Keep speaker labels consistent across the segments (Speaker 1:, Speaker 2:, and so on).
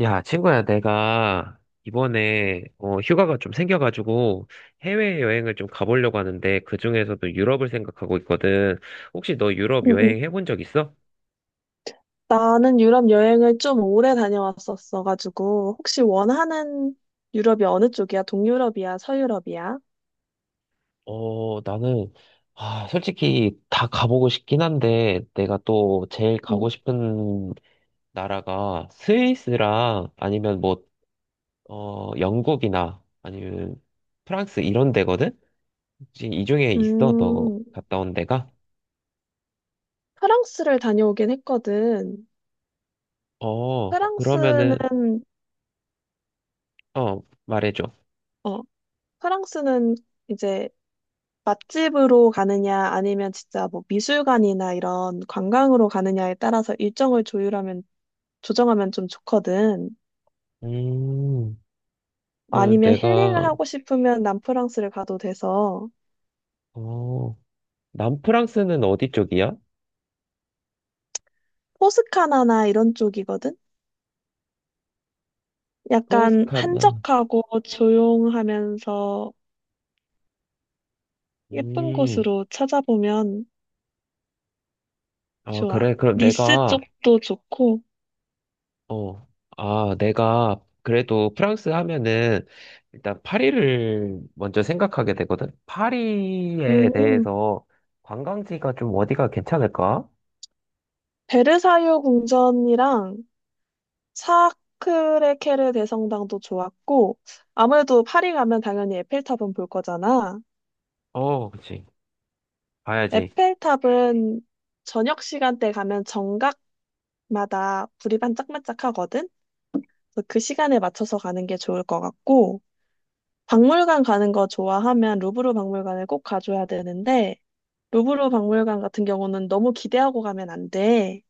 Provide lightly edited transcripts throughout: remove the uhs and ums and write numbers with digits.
Speaker 1: 야, 친구야, 내가 이번에 휴가가 좀 생겨가지고 해외여행을 좀 가보려고 하는데 그중에서도 유럽을 생각하고 있거든. 혹시 너 유럽
Speaker 2: 응, 응.
Speaker 1: 여행 해본 적 있어?
Speaker 2: 나는 유럽 여행을 좀 오래 다녀왔었어가지고, 혹시 원하는 유럽이 어느 쪽이야? 동유럽이야? 서유럽이야?
Speaker 1: 어, 나는, 아, 솔직히 다 가보고 싶긴 한데, 내가 또 제일
Speaker 2: 응.
Speaker 1: 가고 싶은 나라가 스위스랑 아니면 뭐, 영국이나 아니면 프랑스 이런 데거든? 혹시 이 중에 있어? 너
Speaker 2: 음,
Speaker 1: 갔다 온 데가?
Speaker 2: 프랑스를 다녀오긴 했거든.
Speaker 1: 어,
Speaker 2: 프랑스는,
Speaker 1: 그러면은 어, 말해줘.
Speaker 2: 어, 프랑스는 이제 맛집으로 가느냐, 아니면 진짜 뭐 미술관이나 이런 관광으로 가느냐에 따라서 조정하면 좀 좋거든.
Speaker 1: 음, 그럼
Speaker 2: 아니면 힐링을
Speaker 1: 내가,
Speaker 2: 하고 싶으면 남프랑스를 가도 돼서,
Speaker 1: 어, 남프랑스는 어디 쪽이야?
Speaker 2: 포스카나나 이런 쪽이거든? 약간
Speaker 1: 토스카나.
Speaker 2: 한적하고 조용하면서 예쁜
Speaker 1: 음,
Speaker 2: 곳으로 찾아보면
Speaker 1: 아,
Speaker 2: 좋아.
Speaker 1: 그래. 그럼
Speaker 2: 니스
Speaker 1: 내가,
Speaker 2: 쪽도 좋고,
Speaker 1: 어, 아, 내가, 그래도 프랑스 하면은, 일단 파리를 먼저 생각하게 되거든. 파리에
Speaker 2: 음,
Speaker 1: 대해서 관광지가 좀 어디가 괜찮을까?
Speaker 2: 베르사유 궁전이랑 사크레케르 대성당도 좋았고, 아무래도 파리 가면 당연히 에펠탑은 볼 거잖아.
Speaker 1: 어, 그치. 봐야지.
Speaker 2: 에펠탑은 저녁 시간대 가면 정각마다 불이 반짝반짝하거든? 그래서 그 시간에 맞춰서 가는 게 좋을 것 같고, 박물관 가는 거 좋아하면 루브르 박물관을 꼭 가줘야 되는데, 루브르 박물관 같은 경우는 너무 기대하고 가면 안 돼.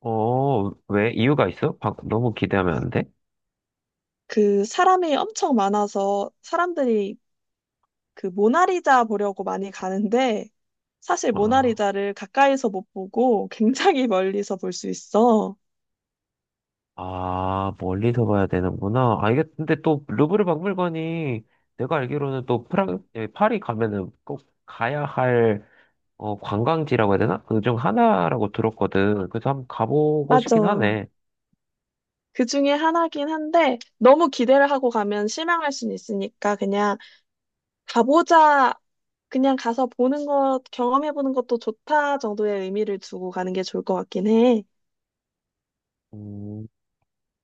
Speaker 1: 어, 왜? 이유가 있어? 너무 기대하면 안 돼?
Speaker 2: 그 사람이 엄청 많아서 사람들이 그 모나리자 보려고 많이 가는데, 사실
Speaker 1: 아.
Speaker 2: 모나리자를 가까이서 못 보고 굉장히 멀리서 볼 수 있어.
Speaker 1: 아, 멀리서 봐야 되는구나. 아, 이게 근데 또 루브르 박물관이 내가 알기로는 또 예, 파리 가면은 꼭 가야 할 어, 관광지라고 해야 되나? 그 중 하나라고 들었거든. 그래서 한번 가보고
Speaker 2: 맞아.
Speaker 1: 싶긴 하네.
Speaker 2: 그 중에 하나긴 한데, 너무 기대를 하고 가면 실망할 수는 있으니까 그냥 가보자 그냥 가서 보는 것, 경험해보는 것도 좋다 정도의 의미를 두고 가는 게 좋을 것 같긴 해.
Speaker 1: 음,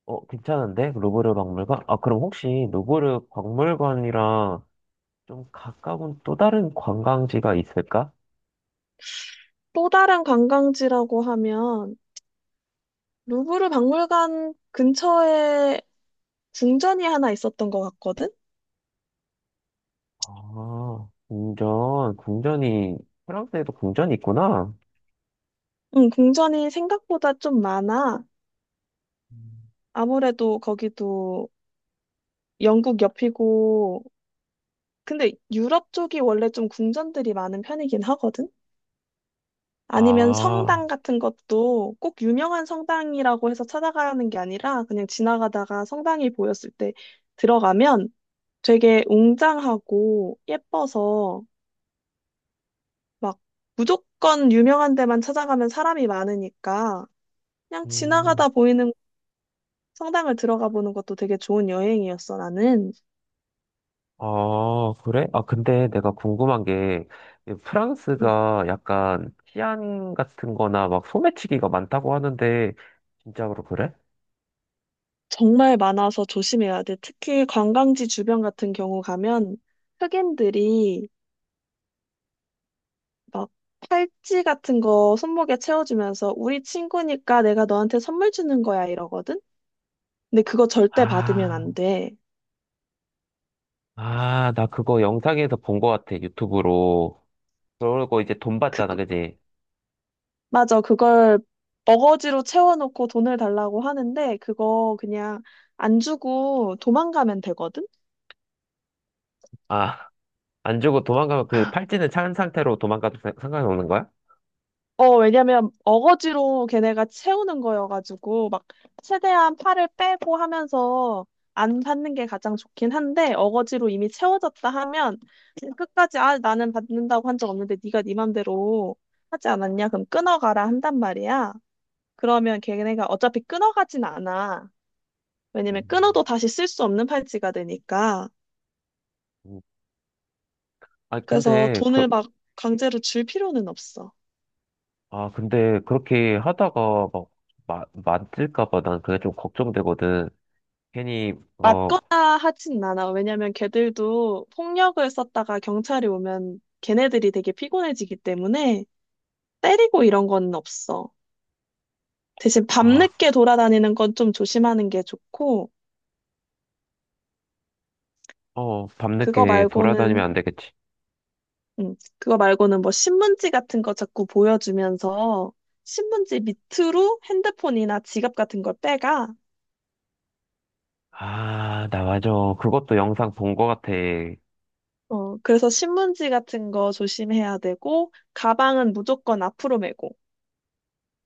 Speaker 1: 어, 괜찮은데? 루브르 박물관? 아, 그럼 혹시 루브르 박물관이랑 좀 가까운 또 다른 관광지가 있을까?
Speaker 2: 또 다른 관광지라고 하면 루브르 박물관 근처에 궁전이 하나 있었던 것 같거든?
Speaker 1: 아, 궁전이, 프랑스에도 궁전이 있구나.
Speaker 2: 응, 궁전이 생각보다 좀 많아.
Speaker 1: 음.
Speaker 2: 아무래도 거기도 영국 옆이고, 근데 유럽 쪽이 원래 좀 궁전들이 많은 편이긴 하거든? 아니면
Speaker 1: 아,
Speaker 2: 성당 같은 것도 꼭 유명한 성당이라고 해서 찾아가는 게 아니라 그냥 지나가다가 성당이 보였을 때 들어가면 되게 웅장하고 예뻐서 막 무조건 유명한 데만 찾아가면 사람이 많으니까 그냥
Speaker 1: 음.
Speaker 2: 지나가다 보이는 성당을 들어가 보는 것도 되게 좋은 여행이었어, 나는.
Speaker 1: 아, 그래? 아, 근데 내가 궁금한 게,
Speaker 2: 음,
Speaker 1: 프랑스가 약간 치안 같은 거나 막 소매치기가 많다고 하는데, 진짜로 그래?
Speaker 2: 정말 많아서 조심해야 돼. 특히 관광지 주변 같은 경우 가면 흑인들이 막 팔찌 같은 거 손목에 채워주면서 우리 친구니까 내가 너한테 선물 주는 거야 이러거든? 근데 그거 절대 받으면
Speaker 1: 아,
Speaker 2: 안 돼.
Speaker 1: 아, 나 그거 영상에서 본 거 같아, 유튜브로. 그러고 이제 돈 받잖아, 그지?
Speaker 2: 맞아, 그걸 어거지로 채워놓고 돈을 달라고 하는데 그거 그냥 안 주고 도망가면 되거든?
Speaker 1: 아, 안 주고 도망가면 그 팔찌는 찬 상태로 도망가도 상관이 없는 거야?
Speaker 2: 어, 왜냐면 어거지로 걔네가 채우는 거여가지고 막 최대한 팔을 빼고 하면서 안 받는 게 가장 좋긴 한데 어거지로 이미 채워졌다 하면 끝까지 아 나는 받는다고 한 적 없는데 네가 네 맘대로 하지 않았냐? 그럼 끊어가라 한단 말이야. 그러면 걔네가 어차피 끊어가진 않아. 왜냐면
Speaker 1: 음,
Speaker 2: 끊어도 다시 쓸 수 없는 팔찌가 되니까.
Speaker 1: 음. 아니,
Speaker 2: 그래서
Speaker 1: 근데, 그,
Speaker 2: 돈을 막 강제로 줄 필요는 없어.
Speaker 1: 아, 근데 그렇게 하다가 막, 만질까 봐 난 그게 좀 걱정되거든. 괜히, 어,
Speaker 2: 맞거나 하진 않아. 왜냐면 걔들도 폭력을 썼다가 경찰이 오면 걔네들이 되게 피곤해지기 때문에 때리고 이런 건 없어. 대신
Speaker 1: 아,
Speaker 2: 밤늦게 돌아다니는 건 좀 조심하는 게 좋고,
Speaker 1: 어,
Speaker 2: 그거
Speaker 1: 밤늦게
Speaker 2: 말고는,
Speaker 1: 돌아다니면 안 되겠지.
Speaker 2: 그거 말고는 뭐 신문지 같은 거 자꾸 보여주면서 신문지 밑으로 핸드폰이나 지갑 같은 걸 빼가.
Speaker 1: 아, 나 맞아. 그것도 영상 본 거 같아.
Speaker 2: 어, 그래서 신문지 같은 거 조심해야 되고, 가방은 무조건 앞으로 메고.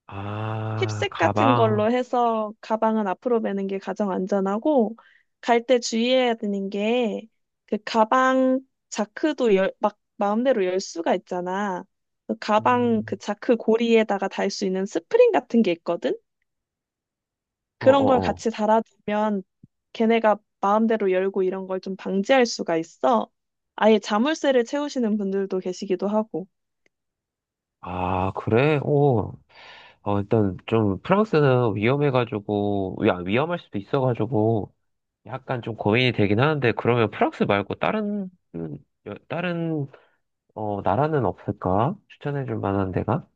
Speaker 1: 아,
Speaker 2: 힙색 같은
Speaker 1: 가방.
Speaker 2: 걸로 해서 가방은 앞으로 매는 게 가장 안전하고 갈 때 주의해야 되는 게 그 가방 자크도 열, 막 마음대로 열 수가 있잖아. 그 가방 그
Speaker 1: 음,
Speaker 2: 자크 고리에다가 달 수 있는 스프링 같은 게 있거든.
Speaker 1: 어,
Speaker 2: 그런 걸
Speaker 1: 어, 어.
Speaker 2: 같이 달아두면 걔네가 마음대로 열고 이런 걸 좀 방지할 수가 있어. 아예 자물쇠를 채우시는 분들도 계시기도 하고.
Speaker 1: 아, 그래? 오. 어, 일단 좀 프랑스는 위험해가지고, 야, 위험할 수도 있어가지고, 약간 좀 고민이 되긴 하는데, 그러면 프랑스 말고 다른, 음, 다른, 어, 나라는 없을까? 추천해줄 만한 데가?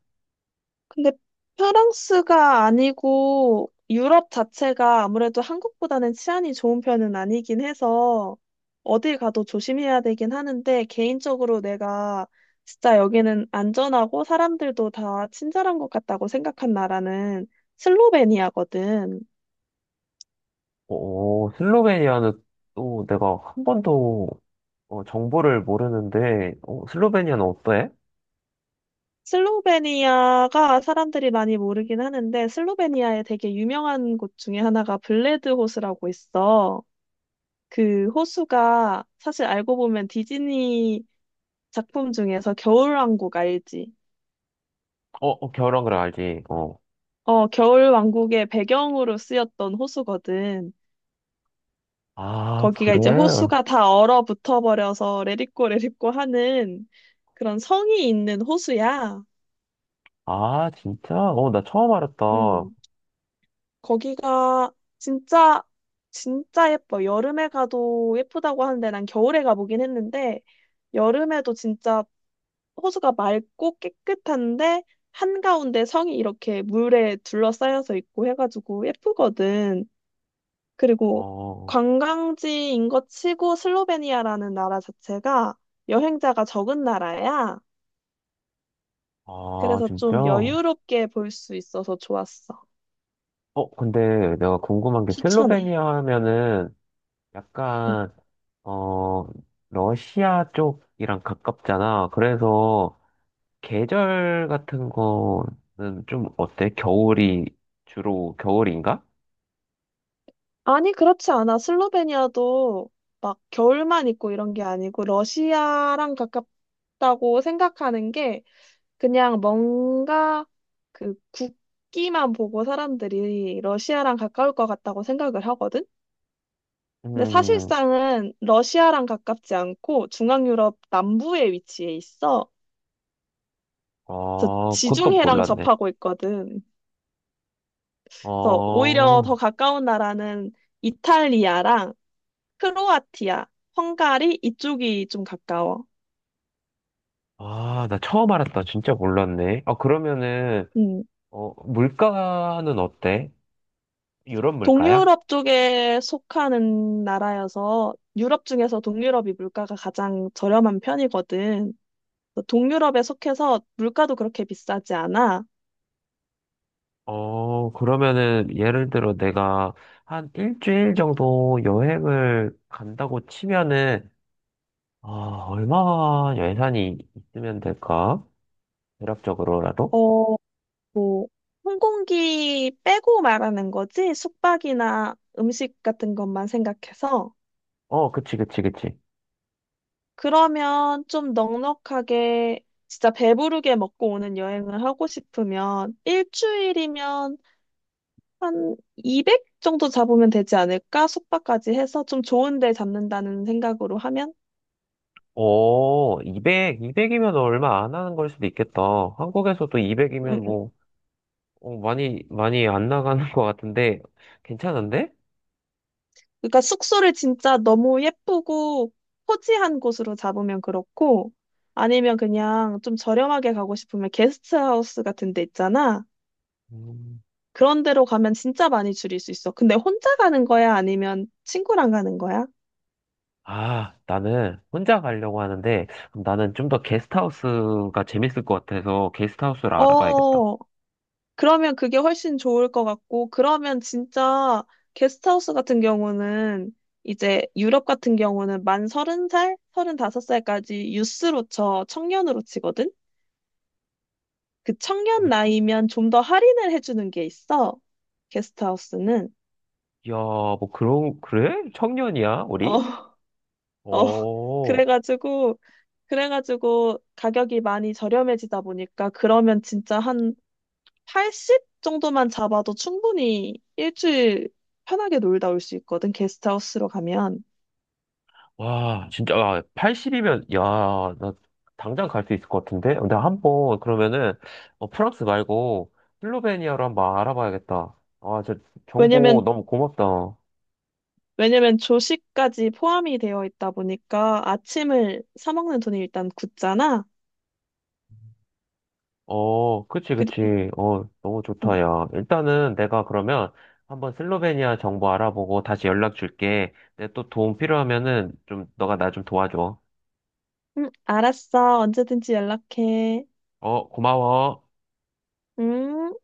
Speaker 2: 근데 프랑스가 아니고 유럽 자체가 아무래도 한국보다는 치안이 좋은 편은 아니긴 해서 어딜 가도 조심해야 되긴 하는데 개인적으로 내가 진짜 여기는 안전하고 사람들도 다 친절한 것 같다고 생각한 나라는 슬로베니아거든.
Speaker 1: 오, 슬로베니아는 또 내가 한 번도 어, 정보를 모르는데, 어, 슬로베니아는 어때?
Speaker 2: 슬로베니아가 사람들이 많이 모르긴 하는데 슬로베니아에 되게 유명한 곳 중에 하나가 블레드 호수라고 있어. 그 호수가 사실 알고 보면 디즈니 작품 중에서 겨울왕국 알지?
Speaker 1: 어, 어, 겨울왕그을 알지. 어.
Speaker 2: 어, 겨울왕국의 배경으로 쓰였던 호수거든.
Speaker 1: 아,
Speaker 2: 거기가
Speaker 1: 그래?
Speaker 2: 이제 호수가 다 얼어붙어 버려서 레디꼬 레디꼬 하는 그런 성이 있는 호수야.
Speaker 1: 아, 진짜? 어, 나 처음 알았다.
Speaker 2: 음, 거기가 진짜 진짜 예뻐. 여름에 가도 예쁘다고 하는데 난 겨울에 가보긴 했는데 여름에도 진짜 호수가 맑고 깨끗한데 한가운데 성이 이렇게 물에 둘러싸여서 있고 해가지고 예쁘거든. 그리고
Speaker 1: 어,
Speaker 2: 관광지인 것 치고 슬로베니아라는 나라 자체가 여행자가 적은 나라야.
Speaker 1: 아,
Speaker 2: 그래서
Speaker 1: 진짜?
Speaker 2: 좀
Speaker 1: 어,
Speaker 2: 여유롭게 볼 수 있어서 좋았어.
Speaker 1: 근데 내가 궁금한 게
Speaker 2: 추천해.
Speaker 1: 슬로베니아 하면은
Speaker 2: 응.
Speaker 1: 약간, 어, 러시아 쪽이랑 가깝잖아. 그래서 계절 같은 거는 좀 어때? 겨울이, 주로 겨울인가?
Speaker 2: 아니, 그렇지 않아. 슬로베니아도 막 겨울만 있고 이런 게 아니고 러시아랑 가깝다고 생각하는 게 그냥 뭔가 그 국기만 보고 사람들이 러시아랑 가까울 것 같다고 생각을 하거든. 근데
Speaker 1: 음,
Speaker 2: 사실상은 러시아랑 가깝지 않고 중앙 유럽 남부에 위치해 있어. 저
Speaker 1: 아, 그것도
Speaker 2: 지중해랑
Speaker 1: 몰랐네.
Speaker 2: 접하고 있거든. 그래서 오히려 더
Speaker 1: 어,
Speaker 2: 가까운 나라는 이탈리아랑 크로아티아, 헝가리 이쪽이 좀 가까워.
Speaker 1: 아, 나 처음 알았다. 진짜 몰랐네. 아, 그러면은,
Speaker 2: 음.
Speaker 1: 어, 물가는 어때? 유럽 물가야?
Speaker 2: 동유럽 쪽에 속하는 나라여서 유럽 중에서 동유럽이 물가가 가장 저렴한 편이거든. 그래서 동유럽에 속해서 물가도 그렇게 비싸지 않아.
Speaker 1: 어, 그러면은, 예를 들어 내가 한 일주일 정도 여행을 간다고 치면은, 아, 얼마 예산이 있으면 될까? 대략적으로라도?
Speaker 2: 어, 뭐, 항공기 빼고 말하는 거지? 숙박이나 음식 같은 것만 생각해서.
Speaker 1: 어, 그치, 그치, 그치.
Speaker 2: 그러면 좀 넉넉하게 진짜 배부르게 먹고 오는 여행을 하고 싶으면 일주일이면 한 200 정도 잡으면 되지 않을까? 숙박까지 해서 좀 좋은 데 잡는다는 생각으로 하면?
Speaker 1: 오, 이백 이 200이면 얼마 안 하는 걸 수도 있겠다. 한국에서도 200이면
Speaker 2: 응, 응.
Speaker 1: 뭐, 어, 많이 안 나가는 것 같은데, 괜찮은데?
Speaker 2: 그러니까 숙소를 진짜 너무 예쁘고 호지한 곳으로 잡으면 그렇고, 아니면 그냥 좀 저렴하게 가고 싶으면 게스트하우스 같은 데 있잖아.
Speaker 1: 음.
Speaker 2: 그런 데로 가면 진짜 많이 줄일 수 있어. 근데 혼자 가는 거야? 아니면 친구랑 가는 거야?
Speaker 1: 아, 나는 혼자 가려고 하는데, 그럼 나는 좀 더 게스트하우스가 재밌을 것 같아서 게스트하우스를 알아봐야겠다.
Speaker 2: 어, 그러면 그게 훨씬 좋을 것 같고, 그러면 진짜 게스트하우스 같은 경우는 이제 유럽 같은 경우는 만 30살, 서른다섯 살까지 유스로 쳐, 청년으로 치거든? 그
Speaker 1: 어,
Speaker 2: 청년
Speaker 1: 청?
Speaker 2: 나이면 좀 더 할인을 해주는 게 있어. 게스트하우스는.
Speaker 1: 야, 뭐 그런, 그래? 청년이야,
Speaker 2: 어,
Speaker 1: 우리?
Speaker 2: 어.
Speaker 1: 어,
Speaker 2: 그래가지고, 그래가지고 가격이 많이 저렴해지다 보니까 그러면 진짜 한 80 정도만 잡아도 충분히 일주일 편하게 놀다 올 수 있거든. 게스트하우스로 가면.
Speaker 1: 와, 진짜, 와 80이면, 야, 나 당장 갈 수 있을 것 같은데? 근데 한번, 그러면은, 어, 프랑스 말고, 슬로베니아로 한번 알아봐야겠다. 아, 저 정보
Speaker 2: 왜냐면,
Speaker 1: 너무 고맙다.
Speaker 2: 왜냐면 조식까지 포함이 되어 있다 보니까 아침을 사 먹는 돈이 일단 굳잖아.
Speaker 1: 어, 그치,
Speaker 2: 그리,
Speaker 1: 그치. 어, 너무
Speaker 2: 응,
Speaker 1: 좋다, 야. 일단은 내가 그러면 한번 슬로베니아 정보 알아보고 다시 연락 줄게. 내 또 도움 필요하면은 좀 너가 나 좀 도와줘.
Speaker 2: 응, 알았어. 언제든지 연락해.
Speaker 1: 어, 고마워.
Speaker 2: 응?